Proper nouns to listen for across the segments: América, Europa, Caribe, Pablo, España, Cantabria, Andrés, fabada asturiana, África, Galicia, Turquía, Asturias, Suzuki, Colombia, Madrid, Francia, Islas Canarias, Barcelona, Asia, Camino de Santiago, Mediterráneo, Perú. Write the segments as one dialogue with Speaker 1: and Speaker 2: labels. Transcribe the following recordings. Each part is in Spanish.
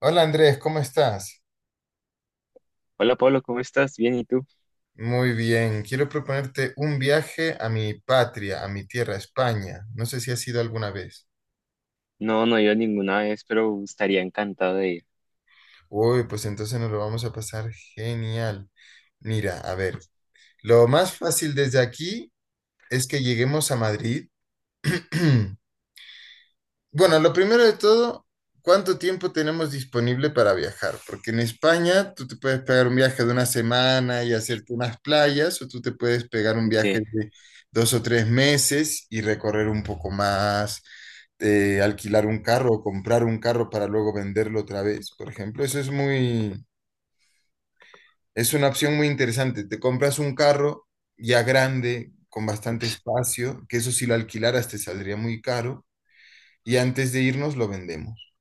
Speaker 1: Hola Andrés, ¿cómo estás?
Speaker 2: Hola Pablo, ¿cómo estás? Bien, ¿y tú?
Speaker 1: Muy bien, quiero proponerte un viaje a mi patria, a mi tierra, España. No sé si has ido alguna vez.
Speaker 2: No, no he ido ninguna vez, pero estaría encantado de ir.
Speaker 1: Uy, pues entonces nos lo vamos a pasar genial. Mira, a ver, lo más fácil desde aquí es que lleguemos a Madrid. Bueno, lo primero de todo, ¿cuánto tiempo tenemos disponible para viajar? Porque en España tú te puedes pegar un viaje de una semana y hacerte unas playas, o tú te puedes pegar un viaje
Speaker 2: Te-
Speaker 1: de 2 o 3 meses y recorrer un poco más, alquilar un carro o comprar un carro para luego venderlo otra vez, por ejemplo. Es una opción muy interesante. Te compras un carro ya grande, con bastante espacio, que eso si lo alquilaras te saldría muy caro, y antes de irnos lo vendemos.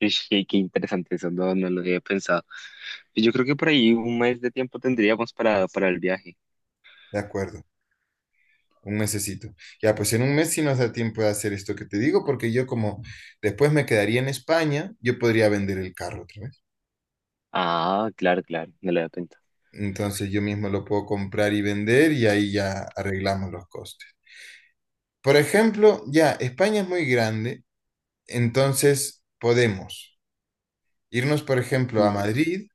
Speaker 2: Ish, Qué interesante eso, no, no lo había pensado. Yo creo que por ahí un mes de tiempo tendríamos para el viaje.
Speaker 1: De acuerdo, un mesecito. Ya, pues en un mes sí nos da tiempo de hacer esto que te digo, porque yo como después me quedaría en España, yo podría vender el carro otra vez.
Speaker 2: Ah, claro, claro, no lo había pensado.
Speaker 1: Entonces yo mismo lo puedo comprar y vender y ahí ya arreglamos los costes. Por ejemplo, ya, España es muy grande, entonces podemos irnos, por ejemplo, a
Speaker 2: Mm.
Speaker 1: Madrid,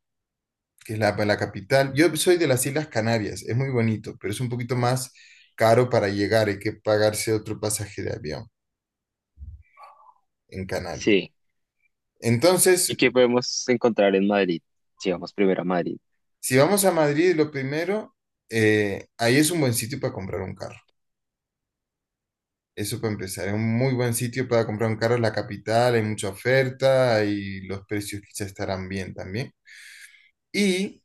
Speaker 1: que es la, pues, la capital. Yo soy de las Islas Canarias, es muy bonito, pero es un poquito más caro para llegar, hay que pagarse otro pasaje de avión en Canarias.
Speaker 2: Sí, ¿y
Speaker 1: Entonces,
Speaker 2: qué podemos encontrar en Madrid? Si vamos primero a Madrid.
Speaker 1: si vamos a Madrid, lo primero, ahí es un buen sitio para comprar un carro. Eso para empezar, es un muy buen sitio para comprar un carro en la capital, hay mucha oferta y los precios quizás estarán bien también. Y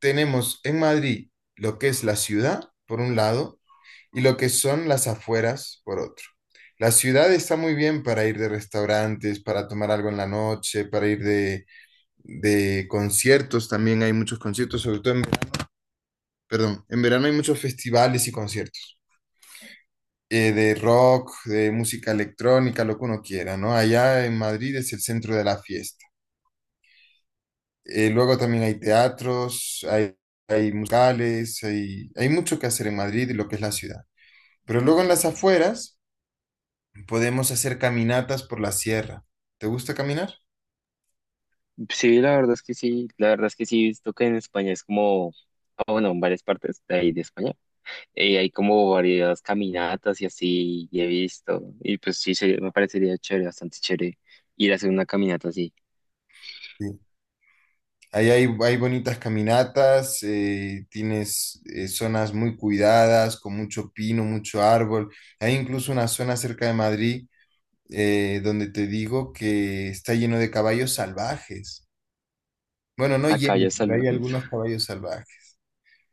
Speaker 1: tenemos en Madrid lo que es la ciudad, por un lado, y lo que son las afueras, por otro. La ciudad está muy bien para ir de restaurantes, para tomar algo en la noche, para ir de conciertos, también hay muchos conciertos, sobre todo en. Perdón, en verano hay muchos festivales y conciertos de rock, de música electrónica, lo que uno quiera, ¿no? Allá en Madrid es el centro de la fiesta. Luego también hay teatros, hay musicales, hay mucho que hacer en Madrid y lo que es la ciudad. Pero luego en las afueras podemos hacer caminatas por la sierra. ¿Te gusta caminar?
Speaker 2: Sí, la verdad es que sí, la verdad es que sí, he visto que en España es como, ah, bueno, en varias partes de ahí de España hay como varias caminatas y así, y he visto, y pues sí, se- me parecería chévere, bastante chévere ir a hacer una caminata así,
Speaker 1: Sí. Ahí hay bonitas caminatas, tienes zonas muy cuidadas, con mucho pino, mucho árbol. Hay incluso una zona cerca de Madrid donde te digo que está lleno de caballos salvajes. Bueno, no
Speaker 2: a
Speaker 1: lleno,
Speaker 2: calles
Speaker 1: pero hay
Speaker 2: salvajes.
Speaker 1: algunos caballos salvajes.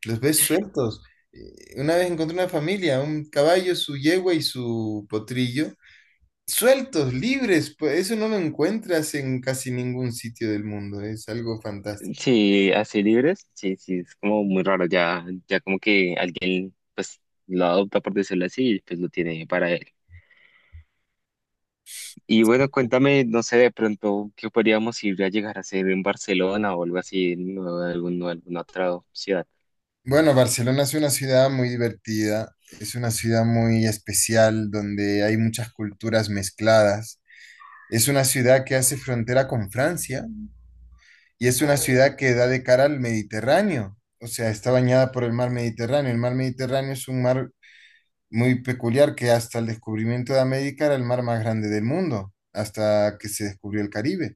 Speaker 1: Los ves sueltos. Una vez encontré una familia, un caballo, su yegua y su potrillo, sueltos, libres. Pues eso no lo encuentras en casi ningún sitio del mundo. Es algo fantástico.
Speaker 2: Sí, así libres, sí, sí, es como muy raro, ya, ya como que alguien pues lo adopta por decirlo así, y pues lo tiene para él. Y bueno, cuéntame, no sé, de pronto, ¿qué podríamos ir a llegar a hacer en Barcelona o algo así, en algún- alguna otra ciudad?
Speaker 1: Bueno, Barcelona es una ciudad muy divertida, es una ciudad muy especial donde hay muchas culturas mezcladas. Es una ciudad que hace frontera con Francia, y es una ciudad que da de cara al Mediterráneo, o sea, está bañada por el mar Mediterráneo. El mar Mediterráneo es un mar muy peculiar que hasta el descubrimiento de América era el mar más grande del mundo, hasta que se descubrió el Caribe.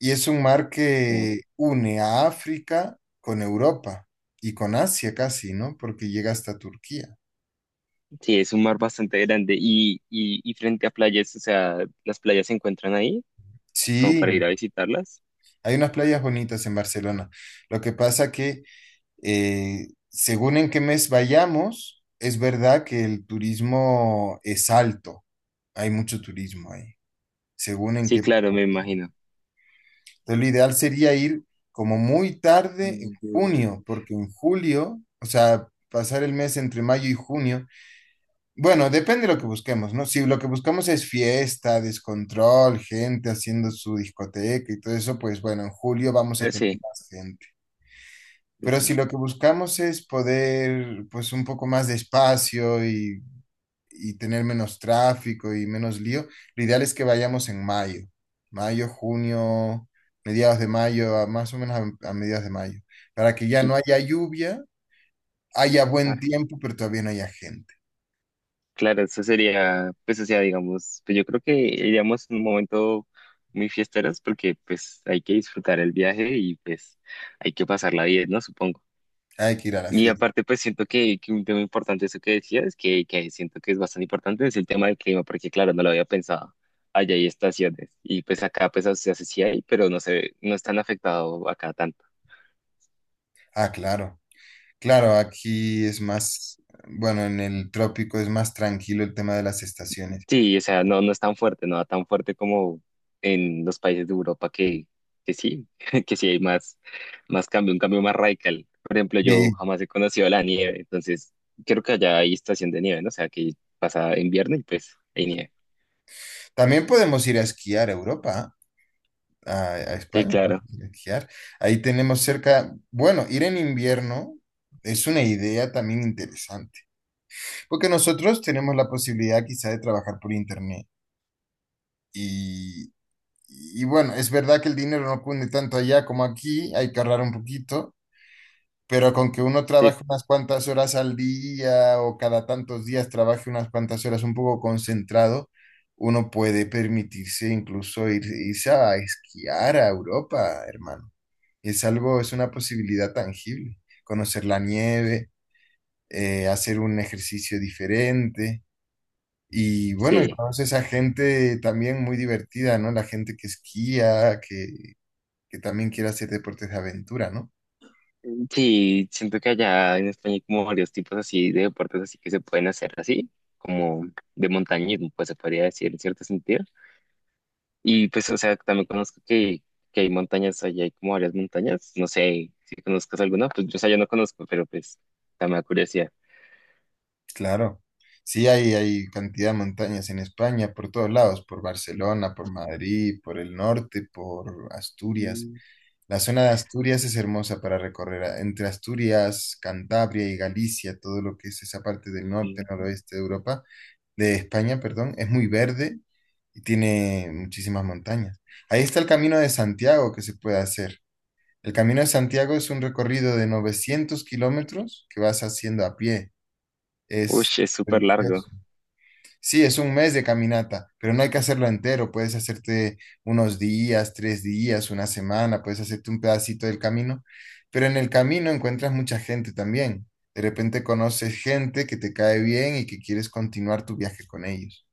Speaker 1: Y es un mar que une a África con Europa y con Asia casi, ¿no? Porque llega hasta Turquía.
Speaker 2: Sí, es un mar bastante grande y frente a playas, o sea, las playas se encuentran ahí como para ir
Speaker 1: Sí,
Speaker 2: a visitarlas.
Speaker 1: hay unas playas bonitas en Barcelona. Lo que pasa que según en qué mes vayamos, es verdad que el turismo es alto. Hay mucho turismo ahí, según en qué
Speaker 2: Sí, claro,
Speaker 1: época
Speaker 2: me
Speaker 1: vayamos.
Speaker 2: imagino.
Speaker 1: Entonces, lo ideal sería ir como muy tarde en
Speaker 2: Mm, de-
Speaker 1: junio, porque en julio, o sea, pasar el mes entre mayo y junio, bueno, depende de lo que busquemos, ¿no? Si lo que buscamos es fiesta, descontrol, gente haciendo su discoteca y todo eso, pues bueno, en julio vamos a tener
Speaker 2: Sí,
Speaker 1: más gente. Pero
Speaker 2: es
Speaker 1: si
Speaker 2: más.
Speaker 1: lo que buscamos es poder, pues, un poco más de espacio y tener menos tráfico y menos lío, lo ideal es que vayamos en mayo, mayo, junio, mediados de mayo, más o menos a mediados de mayo, para que ya
Speaker 2: Y-
Speaker 1: no haya lluvia, haya buen
Speaker 2: ah,
Speaker 1: tiempo, pero todavía no haya gente.
Speaker 2: claro, eso sería, pues, o sea, digamos, pues yo creo que iríamos en un momento muy fiesteros porque pues hay que disfrutar el viaje y pues hay que pasarla bien, ¿no? Supongo.
Speaker 1: Hay que ir a la
Speaker 2: Y
Speaker 1: fiesta.
Speaker 2: aparte, pues siento que un tema importante, eso que decías, que siento que es bastante importante, es el tema del clima, porque claro, no lo había pensado. Allá hay estaciones y pues acá pues se hace sí hay, pero no se, no es tan afectado acá tanto.
Speaker 1: Ah, claro. Claro, aquí es más, bueno, en el trópico es más tranquilo el tema de las estaciones.
Speaker 2: Sí, o sea, no, no es tan fuerte, no tan fuerte como en los países de Europa que sí, que sí hay más, más cambio, un cambio más radical. Por ejemplo, yo
Speaker 1: Y
Speaker 2: jamás he conocido la nieve, entonces creo que allá hay estación de nieve, ¿no? O sea, que pasa invierno y pues hay nieve.
Speaker 1: también podemos ir a esquiar a Europa. ¿Ah? A
Speaker 2: Sí,
Speaker 1: España, pues,
Speaker 2: claro.
Speaker 1: esquiar. Ahí tenemos cerca, bueno, ir en invierno es una idea también interesante, porque nosotros tenemos la posibilidad quizá de trabajar por internet y, y bueno, es verdad que el dinero no cunde tanto allá como aquí, hay que ahorrar un poquito, pero con que uno
Speaker 2: Sí,
Speaker 1: trabaje unas cuantas horas al día o cada tantos días trabaje unas cuantas horas un poco concentrado, uno puede permitirse incluso irse a esquiar a Europa, hermano. Es algo, es una posibilidad tangible. Conocer la nieve, hacer un ejercicio diferente. Y bueno, y
Speaker 2: sí.
Speaker 1: conoces a gente también muy divertida, ¿no? La gente que esquía, que también quiere hacer deportes de aventura, ¿no?
Speaker 2: Sí, siento que allá en España hay como varios tipos así de deportes así que se pueden hacer así, como de montañismo, pues se podría decir en cierto sentido. Y pues, o sea, también conozco que hay montañas allá, hay como varias montañas. No sé si conozcas alguna, pues yo, o sea, yo no conozco, pero pues también me da curiosidad.
Speaker 1: Claro. Sí, hay cantidad de montañas en España, por todos lados, por Barcelona, por Madrid, por el norte, por Asturias.
Speaker 2: Mm,
Speaker 1: La zona de Asturias es hermosa para recorrer. Entre Asturias, Cantabria y Galicia, todo lo que es esa parte del
Speaker 2: sí.
Speaker 1: norte, noroeste de Europa, de España, perdón, es muy verde y tiene muchísimas montañas. Ahí está el Camino de Santiago que se puede hacer. El Camino de Santiago es un recorrido de 900 kilómetros que vas haciendo a pie.
Speaker 2: Uy,
Speaker 1: Es
Speaker 2: es súper largo.
Speaker 1: religioso. Sí, es un mes de caminata, pero no hay que hacerlo entero. Puedes hacerte unos días, 3 días, una semana, puedes hacerte un pedacito del camino, pero en el camino encuentras mucha gente también. De repente conoces gente que te cae bien y que quieres continuar tu viaje con ellos.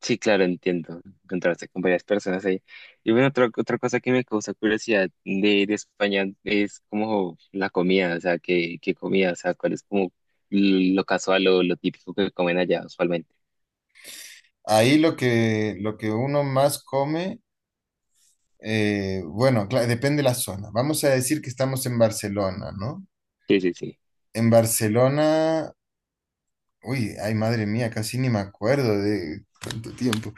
Speaker 2: Sí, claro, entiendo. Encontrarse con varias personas ahí. Y bueno, otra, otra cosa que me causa curiosidad de España es como la comida, o sea, qué, qué comida, o sea, cuál es como lo casual o lo típico que comen allá usualmente.
Speaker 1: Ahí lo que uno más come, bueno, depende de la zona. Vamos a decir que estamos en Barcelona, ¿no?
Speaker 2: Sí, sí, sí.
Speaker 1: En Barcelona, uy, ay madre mía, casi ni me acuerdo de cuánto tiempo.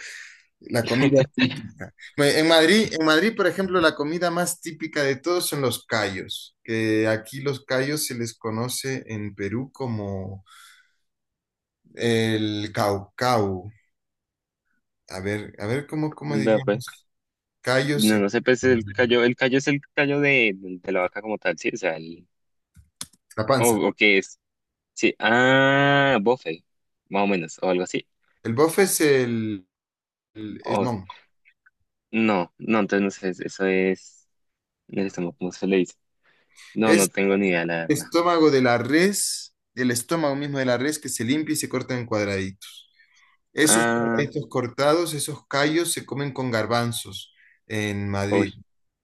Speaker 1: La comida típica. Bueno, en Madrid, en Madrid, por ejemplo, la comida más típica de todos son los callos, que aquí los callos se les conoce en Perú como el caucau. A ver cómo, cómo
Speaker 2: No, pues,
Speaker 1: diríamos callos
Speaker 2: no,
Speaker 1: en
Speaker 2: no sé, pues el callo es el callo de la vaca como tal, sí, o sea, el,
Speaker 1: la panza.
Speaker 2: o qué es, sí, ah, bofe, más o menos, o algo así,
Speaker 1: El bofe es el
Speaker 2: o,
Speaker 1: jamón.
Speaker 2: no, no, entonces no sé, eso es, no sé cómo se le dice. No,
Speaker 1: Es
Speaker 2: no tengo ni idea, la
Speaker 1: el
Speaker 2: verdad.
Speaker 1: estómago de la res, el estómago mismo de la res que se limpia y se corta en cuadraditos. Esos
Speaker 2: Ah,
Speaker 1: cuadraditos cortados, esos callos se comen con garbanzos en
Speaker 2: uy.
Speaker 1: Madrid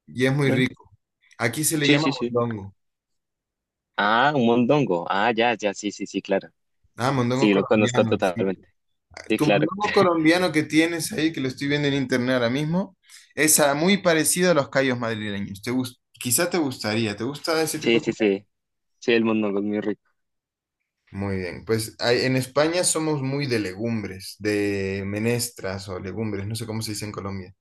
Speaker 1: y es muy
Speaker 2: ¿Ve?
Speaker 1: rico. Aquí se le
Speaker 2: Sí,
Speaker 1: llama
Speaker 2: sí, sí.
Speaker 1: mondongo.
Speaker 2: Ah, un mondongo. Ah, ya, ya, sí, sí, sí, claro.
Speaker 1: Ah, mondongo
Speaker 2: Sí, lo conozco
Speaker 1: colombiano. Sí.
Speaker 2: totalmente. Sí,
Speaker 1: Tu
Speaker 2: claro.
Speaker 1: mondongo colombiano que tienes ahí, que lo estoy viendo en internet ahora mismo, es muy parecido a los callos madrileños. Quizá te gustaría. ¿Te gusta ese tipo
Speaker 2: Sí,
Speaker 1: de
Speaker 2: sí,
Speaker 1: comida?
Speaker 2: sí. Sí, el mondongo es muy rico.
Speaker 1: Muy bien. Pues en España somos muy de legumbres, de menestras o legumbres, no sé cómo se dice en Colombia.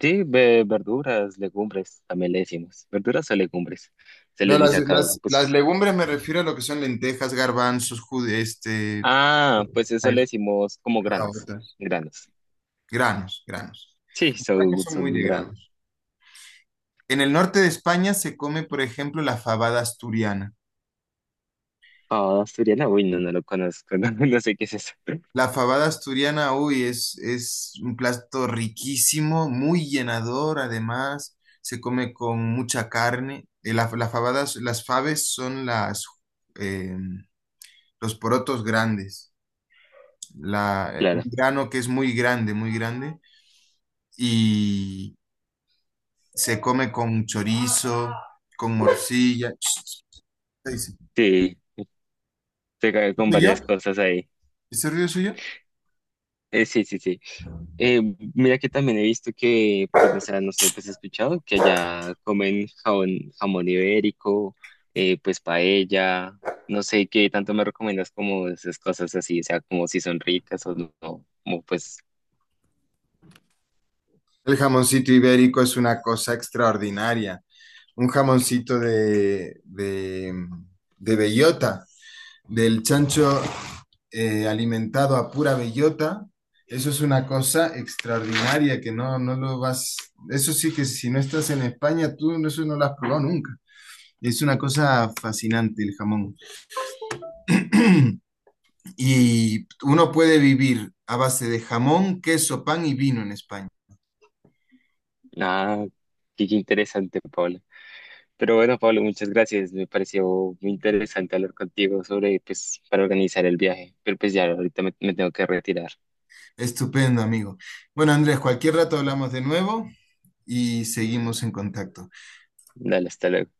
Speaker 2: Sí, ve- verduras, legumbres, también le decimos. Verduras o legumbres. Se
Speaker 1: No,
Speaker 2: les dice acá,
Speaker 1: las
Speaker 2: pues.
Speaker 1: legumbres me refiero a lo que son lentejas, garbanzos, jude, este,
Speaker 2: Ah, pues
Speaker 1: a
Speaker 2: eso le
Speaker 1: eso,
Speaker 2: decimos como granos.
Speaker 1: caraotas,
Speaker 2: Granos.
Speaker 1: granos, granos.
Speaker 2: Sí,
Speaker 1: En España
Speaker 2: son,
Speaker 1: son muy
Speaker 2: son
Speaker 1: de
Speaker 2: granos.
Speaker 1: granos. En el norte de España se come, por ejemplo, la fabada asturiana.
Speaker 2: Ah, asturiana, uy, no, no lo conozco. No, no sé qué es eso.
Speaker 1: La fabada asturiana, uy, es un plato riquísimo, muy llenador, además, se come con mucha carne. Las fabes son eh, los porotos grandes. Un
Speaker 2: Claro.
Speaker 1: grano que es muy grande, y se come con chorizo, con morcilla.
Speaker 2: Sí, se cae con varias
Speaker 1: ¿Suyo?
Speaker 2: cosas ahí.
Speaker 1: ¿Ese ruido es suyo?
Speaker 2: Sí, sí, sí. Eh, mira que también he visto que, pues, no sé, no sé, pues he escuchado que allá comen jabón- jamón ibérico, pues paella, no sé qué tanto me recomiendas como esas cosas así, o sea, como si son ricas o no, no, como pues,
Speaker 1: El jamoncito ibérico es una cosa extraordinaria. Un jamoncito de bellota, del chancho alimentado a pura bellota. Eso es una cosa extraordinaria que no, no lo vas. Eso sí que si no estás en España, tú eso no lo has probado nunca. Es una cosa fascinante el jamón. Y uno puede vivir a base de jamón, queso, pan y vino en España.
Speaker 2: nada, qué, qué interesante, Pablo. Pero bueno, Pablo, muchas gracias, me pareció muy interesante hablar contigo sobre, pues, para organizar el viaje, pero pues ya ahorita me tengo que retirar.
Speaker 1: Estupendo, amigo. Bueno, Andrés, cualquier rato hablamos de nuevo y seguimos en contacto.
Speaker 2: Dale, hasta luego.